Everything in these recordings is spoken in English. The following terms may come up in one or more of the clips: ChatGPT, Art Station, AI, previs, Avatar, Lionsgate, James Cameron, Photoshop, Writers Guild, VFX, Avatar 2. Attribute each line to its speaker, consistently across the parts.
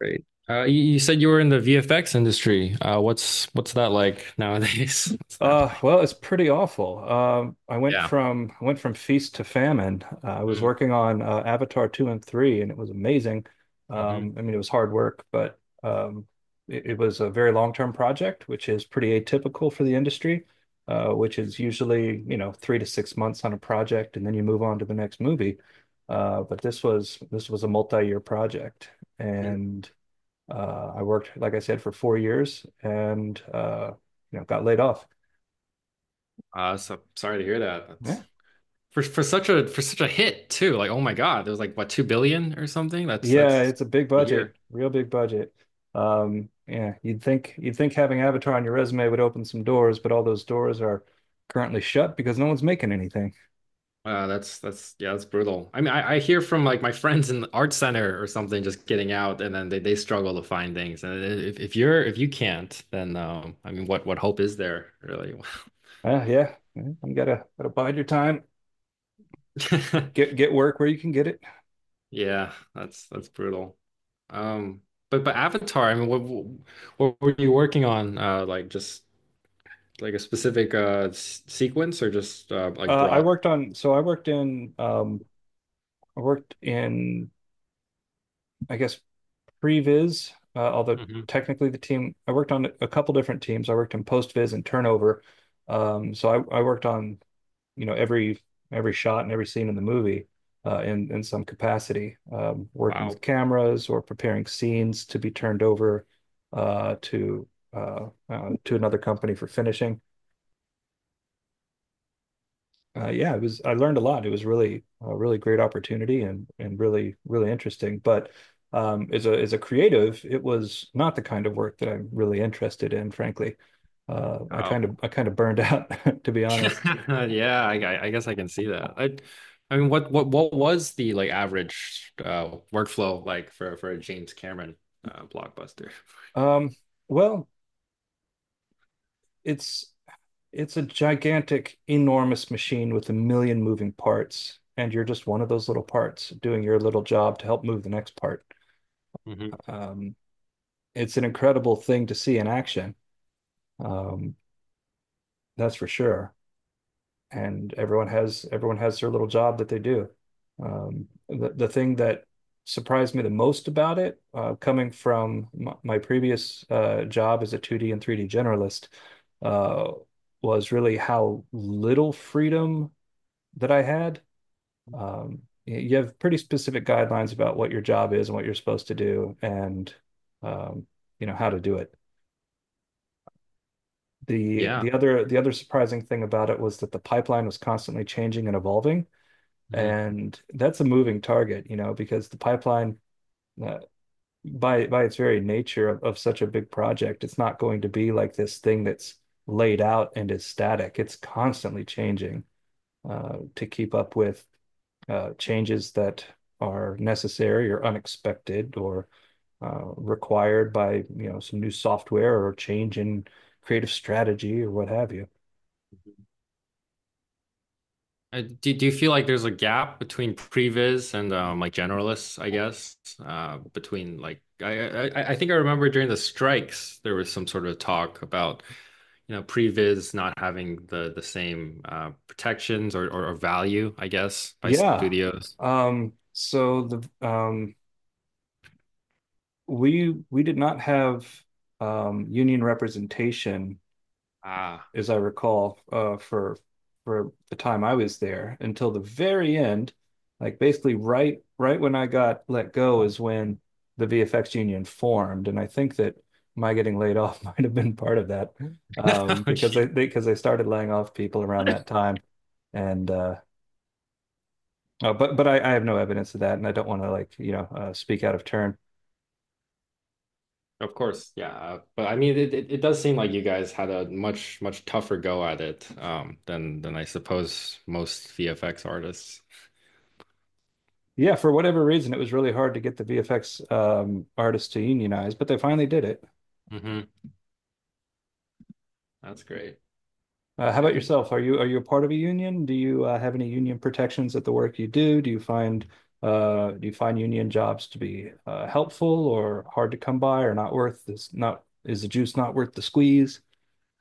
Speaker 1: Great. You said you were in the VFX industry. What's that like nowadays? What's that like?
Speaker 2: Well, it's pretty awful. I went
Speaker 1: Yeah.
Speaker 2: from feast to famine. I was
Speaker 1: Mm-hmm.
Speaker 2: working on Avatar 2 and 3, and it was amazing.
Speaker 1: Mm-hmm.
Speaker 2: I mean, it was hard work, but it was a very long-term project, which is pretty atypical for the industry, which is usually, you know, 3 to 6 months on a project, and then you move on to the next movie. But this was a multi-year project,
Speaker 1: Mm-hmm.
Speaker 2: and I worked, like I said, for 4 years and you know, got laid off.
Speaker 1: So sorry to hear that. That's
Speaker 2: Yeah.
Speaker 1: for for such a hit too. Like, oh my God, there was like what 2 billion or something. That's
Speaker 2: Yeah,
Speaker 1: that's
Speaker 2: it's a big
Speaker 1: to
Speaker 2: budget,
Speaker 1: hear.
Speaker 2: real big budget. Yeah, you'd think having Avatar on your resume would open some doors, but all those doors are currently shut because no one's making anything.
Speaker 1: That's Yeah, that's brutal. I mean, I hear from like my friends in the art center or something just getting out, and then they struggle to find things. And if you can't, then I mean, what hope is there really?
Speaker 2: Yeah, yeah, you gotta bide your time, get work where you can get it.
Speaker 1: Yeah, that's brutal. Um, but Avatar, I mean, what were you working on? Like just like a specific s sequence or just like
Speaker 2: Uh, I
Speaker 1: broader?
Speaker 2: worked on, so I worked in, I worked in, I guess pre-viz, although
Speaker 1: Hmm
Speaker 2: technically the team I worked on a couple different teams. I worked in post-viz and turnover. So I worked on, you know, every shot and every scene in the movie in some capacity, working with
Speaker 1: Wow.
Speaker 2: cameras or preparing scenes to be turned over uh, to to another company for finishing. Yeah, it was. I learned a lot. It was really a really great opportunity and really interesting. But as a creative, it was not the kind of work that I'm really interested in, frankly.
Speaker 1: Wow.
Speaker 2: I kind of burned out, to be honest.
Speaker 1: Yeah, I guess I can see that. I mean, what what was the like average workflow like for a James Cameron blockbuster?
Speaker 2: Um, well, it's it's a gigantic, enormous machine with a million moving parts, and you're just one of those little parts doing your little job to help move the next part.
Speaker 1: Hmm
Speaker 2: Um, it's an incredible thing to see in action. Um, that's for sure. And everyone has their little job that they do. The thing that surprised me the most about it, coming from my previous job as a 2D and 3D generalist, uh, was really how little freedom that I had. Um, you have pretty specific guidelines about what your job is and what you're supposed to do, and um, you know how to do it.
Speaker 1: Yeah.
Speaker 2: The other surprising thing about it was that the pipeline was constantly changing and evolving. And that's a moving target, you know, because the pipeline, uh, by its very nature of, such a big project, it's not going to be like this thing that's laid out and is static. It's constantly changing to keep up with changes that are necessary or unexpected or required by, you know, some new software or change in creative strategy or what have you.
Speaker 1: Do you feel like there's a gap between previs and like generalists, I guess? Between like I think I remember during the strikes there was some sort of talk about you know previs not having the same protections, or value, I guess, by
Speaker 2: Yeah.
Speaker 1: studios.
Speaker 2: So the we did not have union representation,
Speaker 1: Ah,
Speaker 2: as I recall, for the time I was there until the very end. Like basically, right when I got let go is when the VFX union formed, and I think that my getting laid off might have been part of that
Speaker 1: Gee,
Speaker 2: because they started laying off people around that time, and oh, but I have no evidence of that, and I don't want to like you know speak out of turn.
Speaker 1: of course, yeah. But I mean, it does seem like you guys had a much tougher go at it than I suppose most VFX artists.
Speaker 2: Yeah, for whatever reason, it was really hard to get the VFX artists to unionize, but they finally did it.
Speaker 1: Hmm That's great.
Speaker 2: How about
Speaker 1: I,
Speaker 2: yourself? Are you a part of a union? Do you have any union protections at the work you do? Do you find do you find union jobs to be helpful or hard to come by or not worth this? Not is the juice not worth the squeeze?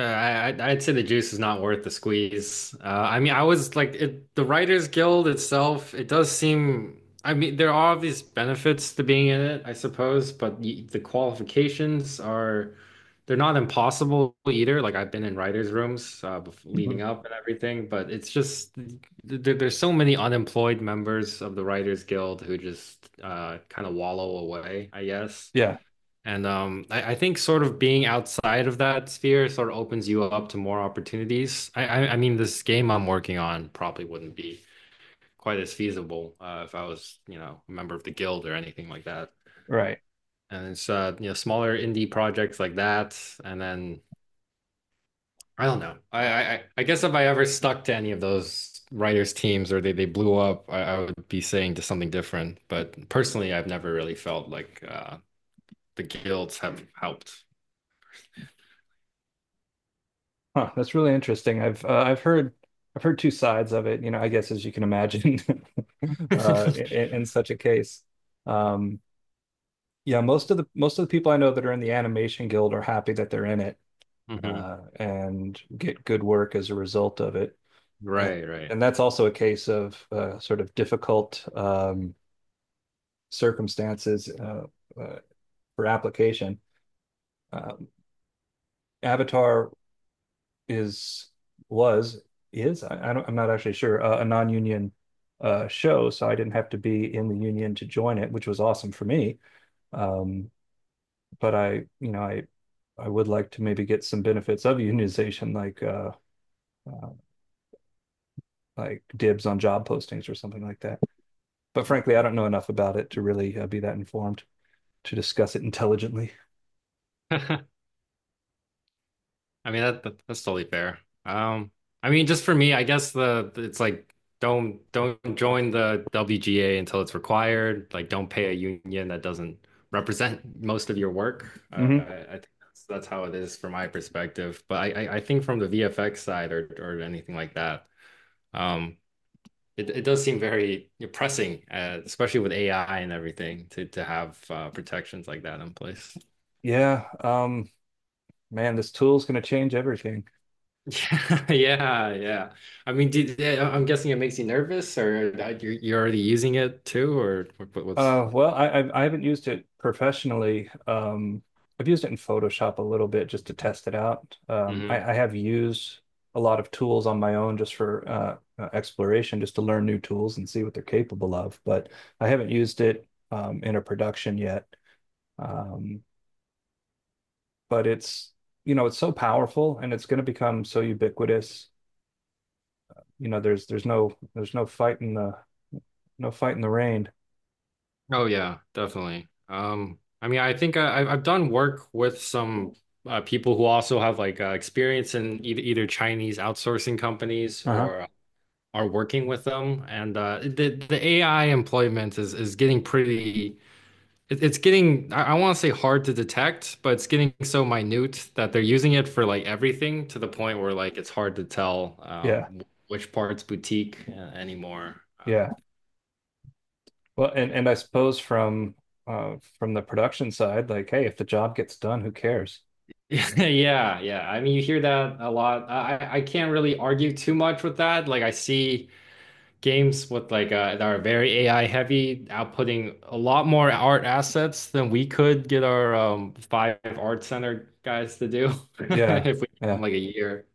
Speaker 1: I'd say the juice is not worth the squeeze. I mean, I was like, it, the Writers Guild itself, it does seem, I mean, there are these benefits to being in it, I suppose, but y the qualifications are, they're not impossible either. Like, I've been in writers' rooms bef
Speaker 2: Mhm.
Speaker 1: leading up and everything, but it's just, there's so many unemployed members of the Writers Guild who just kind of wallow away, I guess.
Speaker 2: Yeah,
Speaker 1: And I think sort of being outside of that sphere sort of opens you up to more opportunities. I mean, this game I'm working on probably wouldn't be quite as feasible if I was, you know, a member of the guild or anything like that.
Speaker 2: right.
Speaker 1: And it's you know, smaller indie projects like that. And then I don't know. I guess if I ever stuck to any of those writers' teams or they blew up, I would be saying to something different. But personally, I've never really felt like the guilds have helped.
Speaker 2: Huh, that's really interesting. I've heard two sides of it. You know, I guess as you can imagine, in, such a case. Um, Yeah, most of the people I know that are in the animation guild are happy that they're in it
Speaker 1: Mhm.
Speaker 2: and get good work as a result of it. And,
Speaker 1: Right, right.
Speaker 2: and that's also a case of sort of difficult circumstances uh, for application. Um, Avatar is was is I don't I'm not actually sure a non-union show, so I didn't have to be in the union to join it, which was awesome for me. Um, but you know, I would like to maybe get some benefits of unionization, uh, like dibs on job postings or something like that. But frankly, I don't know enough about it to really be that informed to discuss it intelligently.
Speaker 1: I mean that's totally fair. Um, I mean just for me, I guess the it's like don't join the WGA until it's required. Like don't pay a union that doesn't represent most of your work.
Speaker 2: Hmm.
Speaker 1: I think that's how it is from my perspective. But I think from the VFX side or anything like that, um, it it does seem very pressing, especially with AI and everything to have protections like that in place.
Speaker 2: Yeah, man, this tool's going to change everything.
Speaker 1: Yeah, yeah, yeah. I mean, did, yeah, I'm guessing it makes you nervous, or that you're already using it too, or what, what's?
Speaker 2: I haven't used it professionally. I've used it in Photoshop a little bit just to test it out.
Speaker 1: Mhm.
Speaker 2: I have used a lot of tools on my own just for exploration, just to learn new tools and see what they're capable of. But I haven't used it in a production yet. Um, but it's it's so powerful and it's going to become so ubiquitous. You know, there's no fight in the rain.
Speaker 1: Oh yeah, definitely. I mean, I think I've done work with some people who also have like experience in either either Chinese outsourcing companies
Speaker 2: Uh-huh.
Speaker 1: or are working with them, and the AI employment is getting pretty. It's getting I want to say hard to detect, but it's getting so minute that they're using it for like everything to the point where like it's hard to tell
Speaker 2: Yeah,
Speaker 1: which part's boutique anymore.
Speaker 2: yeah. Well, and I suppose from the production side, like, hey, if the job gets done, who cares?
Speaker 1: Yeah, yeah. I mean, you hear that a lot. I can't really argue too much with that. Like I see games with like that are very AI heavy, outputting a lot more art assets than we could get our five art center guys to do
Speaker 2: Yeah.
Speaker 1: if we give them
Speaker 2: Yeah.
Speaker 1: like a year.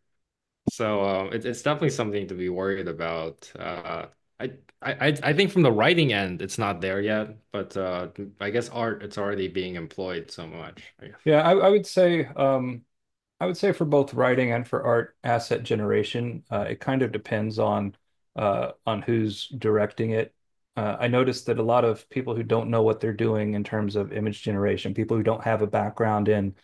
Speaker 1: So it's definitely something to be worried about. I, I think from the writing end, it's not there yet, but I guess art it's already being employed so much. I guess.
Speaker 2: Yeah, I, I would say um I would say for both writing and for art asset generation, it kind of depends on who's directing it. I noticed that a lot of people who don't know what they're doing in terms of image generation, people who don't have a background in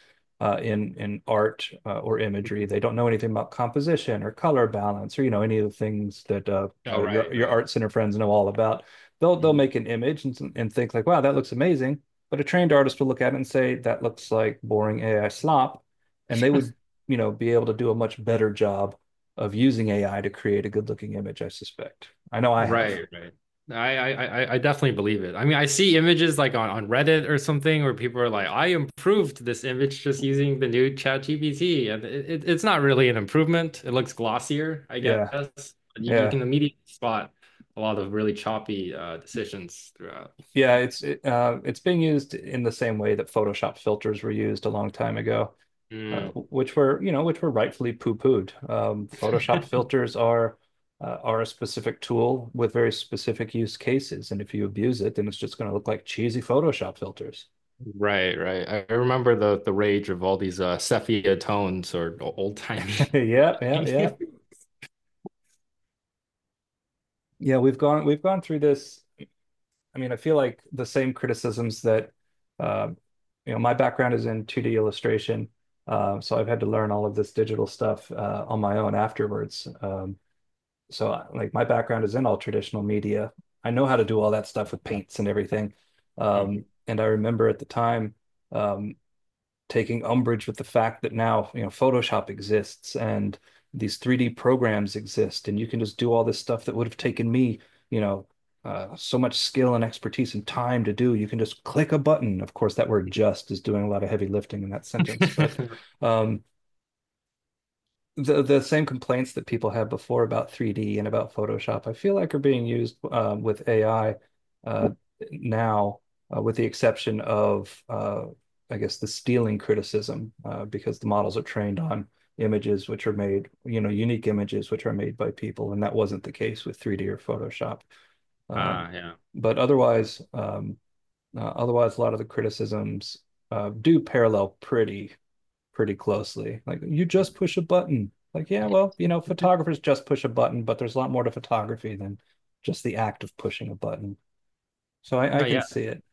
Speaker 2: in art or imagery, they don't know anything about composition or color balance or you know any of the things that
Speaker 1: Oh,
Speaker 2: your
Speaker 1: right, right.
Speaker 2: art center friends know all about. They'll
Speaker 1: Mhm.
Speaker 2: make an image and think like, wow, that looks amazing. But a trained artist will look at it and say, that looks like boring AI slop, and they would, you know, be able to do a much better job of using AI to create a good looking image, I suspect. I know I have.
Speaker 1: Right, right. I definitely believe it. I mean, I see images like on Reddit or something where people are like, I improved this image just using the new ChatGPT. And it's not really an improvement. It looks glossier, I guess.
Speaker 2: Yeah,
Speaker 1: You
Speaker 2: yeah.
Speaker 1: can immediately spot a lot of really choppy decisions throughout.
Speaker 2: Yeah, it's it's being used in the same way that Photoshop filters were used a long time ago,
Speaker 1: Mm,
Speaker 2: which were, you know, which were rightfully poo-pooed. Photoshop filters are a specific tool with very specific use cases, and if you abuse it, then it's just going to look like cheesy Photoshop filters.
Speaker 1: right, right. I remember the rage of all these sepia tones or old-timey.
Speaker 2: Yep, yep, yep. Yeah, we've gone through this. I mean, I feel like the same criticisms that, uh, you know, my background is in 2D illustration, so I've had to learn all of this digital stuff on my own afterwards. Like, my background is in all traditional media. I know how to do all that stuff with paints and everything. And I remember at the time, um, taking umbrage with the fact that now, you know, Photoshop exists and these 3D programs exist, and you can just do all this stuff that would have taken me, you know, so much skill and expertise and time to do. You can just click a button. Of course, that word just is doing a lot of heavy lifting in that sentence, but
Speaker 1: Mhm.
Speaker 2: um, the same complaints that people had before about 3D and about Photoshop, I feel like are being used with AI uh, now, with the exception of I guess the stealing criticism, because the models are trained on images which are made, you know, unique images which are made by people, and that wasn't the case with 3D or Photoshop. Uh,
Speaker 1: Ah, yeah.
Speaker 2: but
Speaker 1: Welcome.
Speaker 2: otherwise, otherwise, a lot of the criticisms do parallel pretty closely. Like you
Speaker 1: Mm-hmm.
Speaker 2: just push a button. Like, yeah, well, you know, photographers just push a button, but there's a lot more to photography than just the act of pushing a button. So I
Speaker 1: No,
Speaker 2: can
Speaker 1: yeah.
Speaker 2: see it.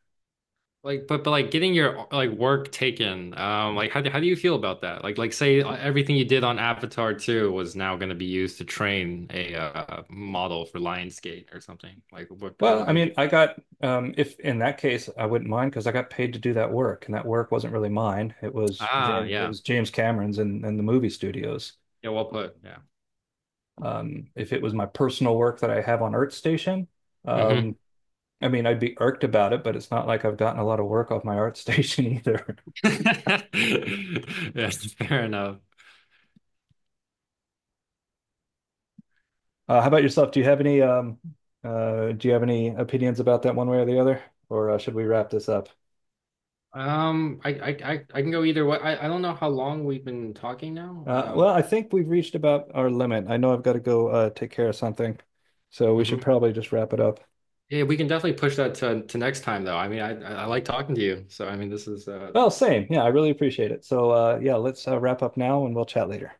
Speaker 1: Like, but like getting your like work taken, like how do you feel about that? Like say everything you did on Avatar 2 was now going to be used to train a model for Lionsgate or something. Like what how
Speaker 2: Well,
Speaker 1: would
Speaker 2: I
Speaker 1: how would you?
Speaker 2: mean, I got if in that case I wouldn't mind because I got paid to do that work, and that work wasn't really mine. It was
Speaker 1: Ah,
Speaker 2: James. It
Speaker 1: yeah,
Speaker 2: was James Cameron's and the movie studios.
Speaker 1: yeah, well put, yeah.
Speaker 2: If it was my personal work that I have on Art Station, um,
Speaker 1: hmm
Speaker 2: I mean, I'd be irked about it, but it's not like I've gotten a lot of work off my Art Station either.
Speaker 1: Yes, fair enough.
Speaker 2: How about yourself? Do you have any do you have any opinions about that one way or the other, or should we wrap this up?
Speaker 1: I can go either way. I don't know how long we've been talking now.
Speaker 2: I think we've reached about our limit. I know I've got to go take care of something, so we should
Speaker 1: Mhm.
Speaker 2: probably just wrap it up.
Speaker 1: Yeah, we can definitely push that to next time though. I mean, I like talking to you, so I mean, this is
Speaker 2: Well, same. Yeah, I really appreciate it. So yeah, let's wrap up now, and we'll chat later.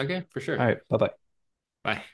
Speaker 1: okay for
Speaker 2: All right,
Speaker 1: sure.
Speaker 2: bye bye.
Speaker 1: Bye.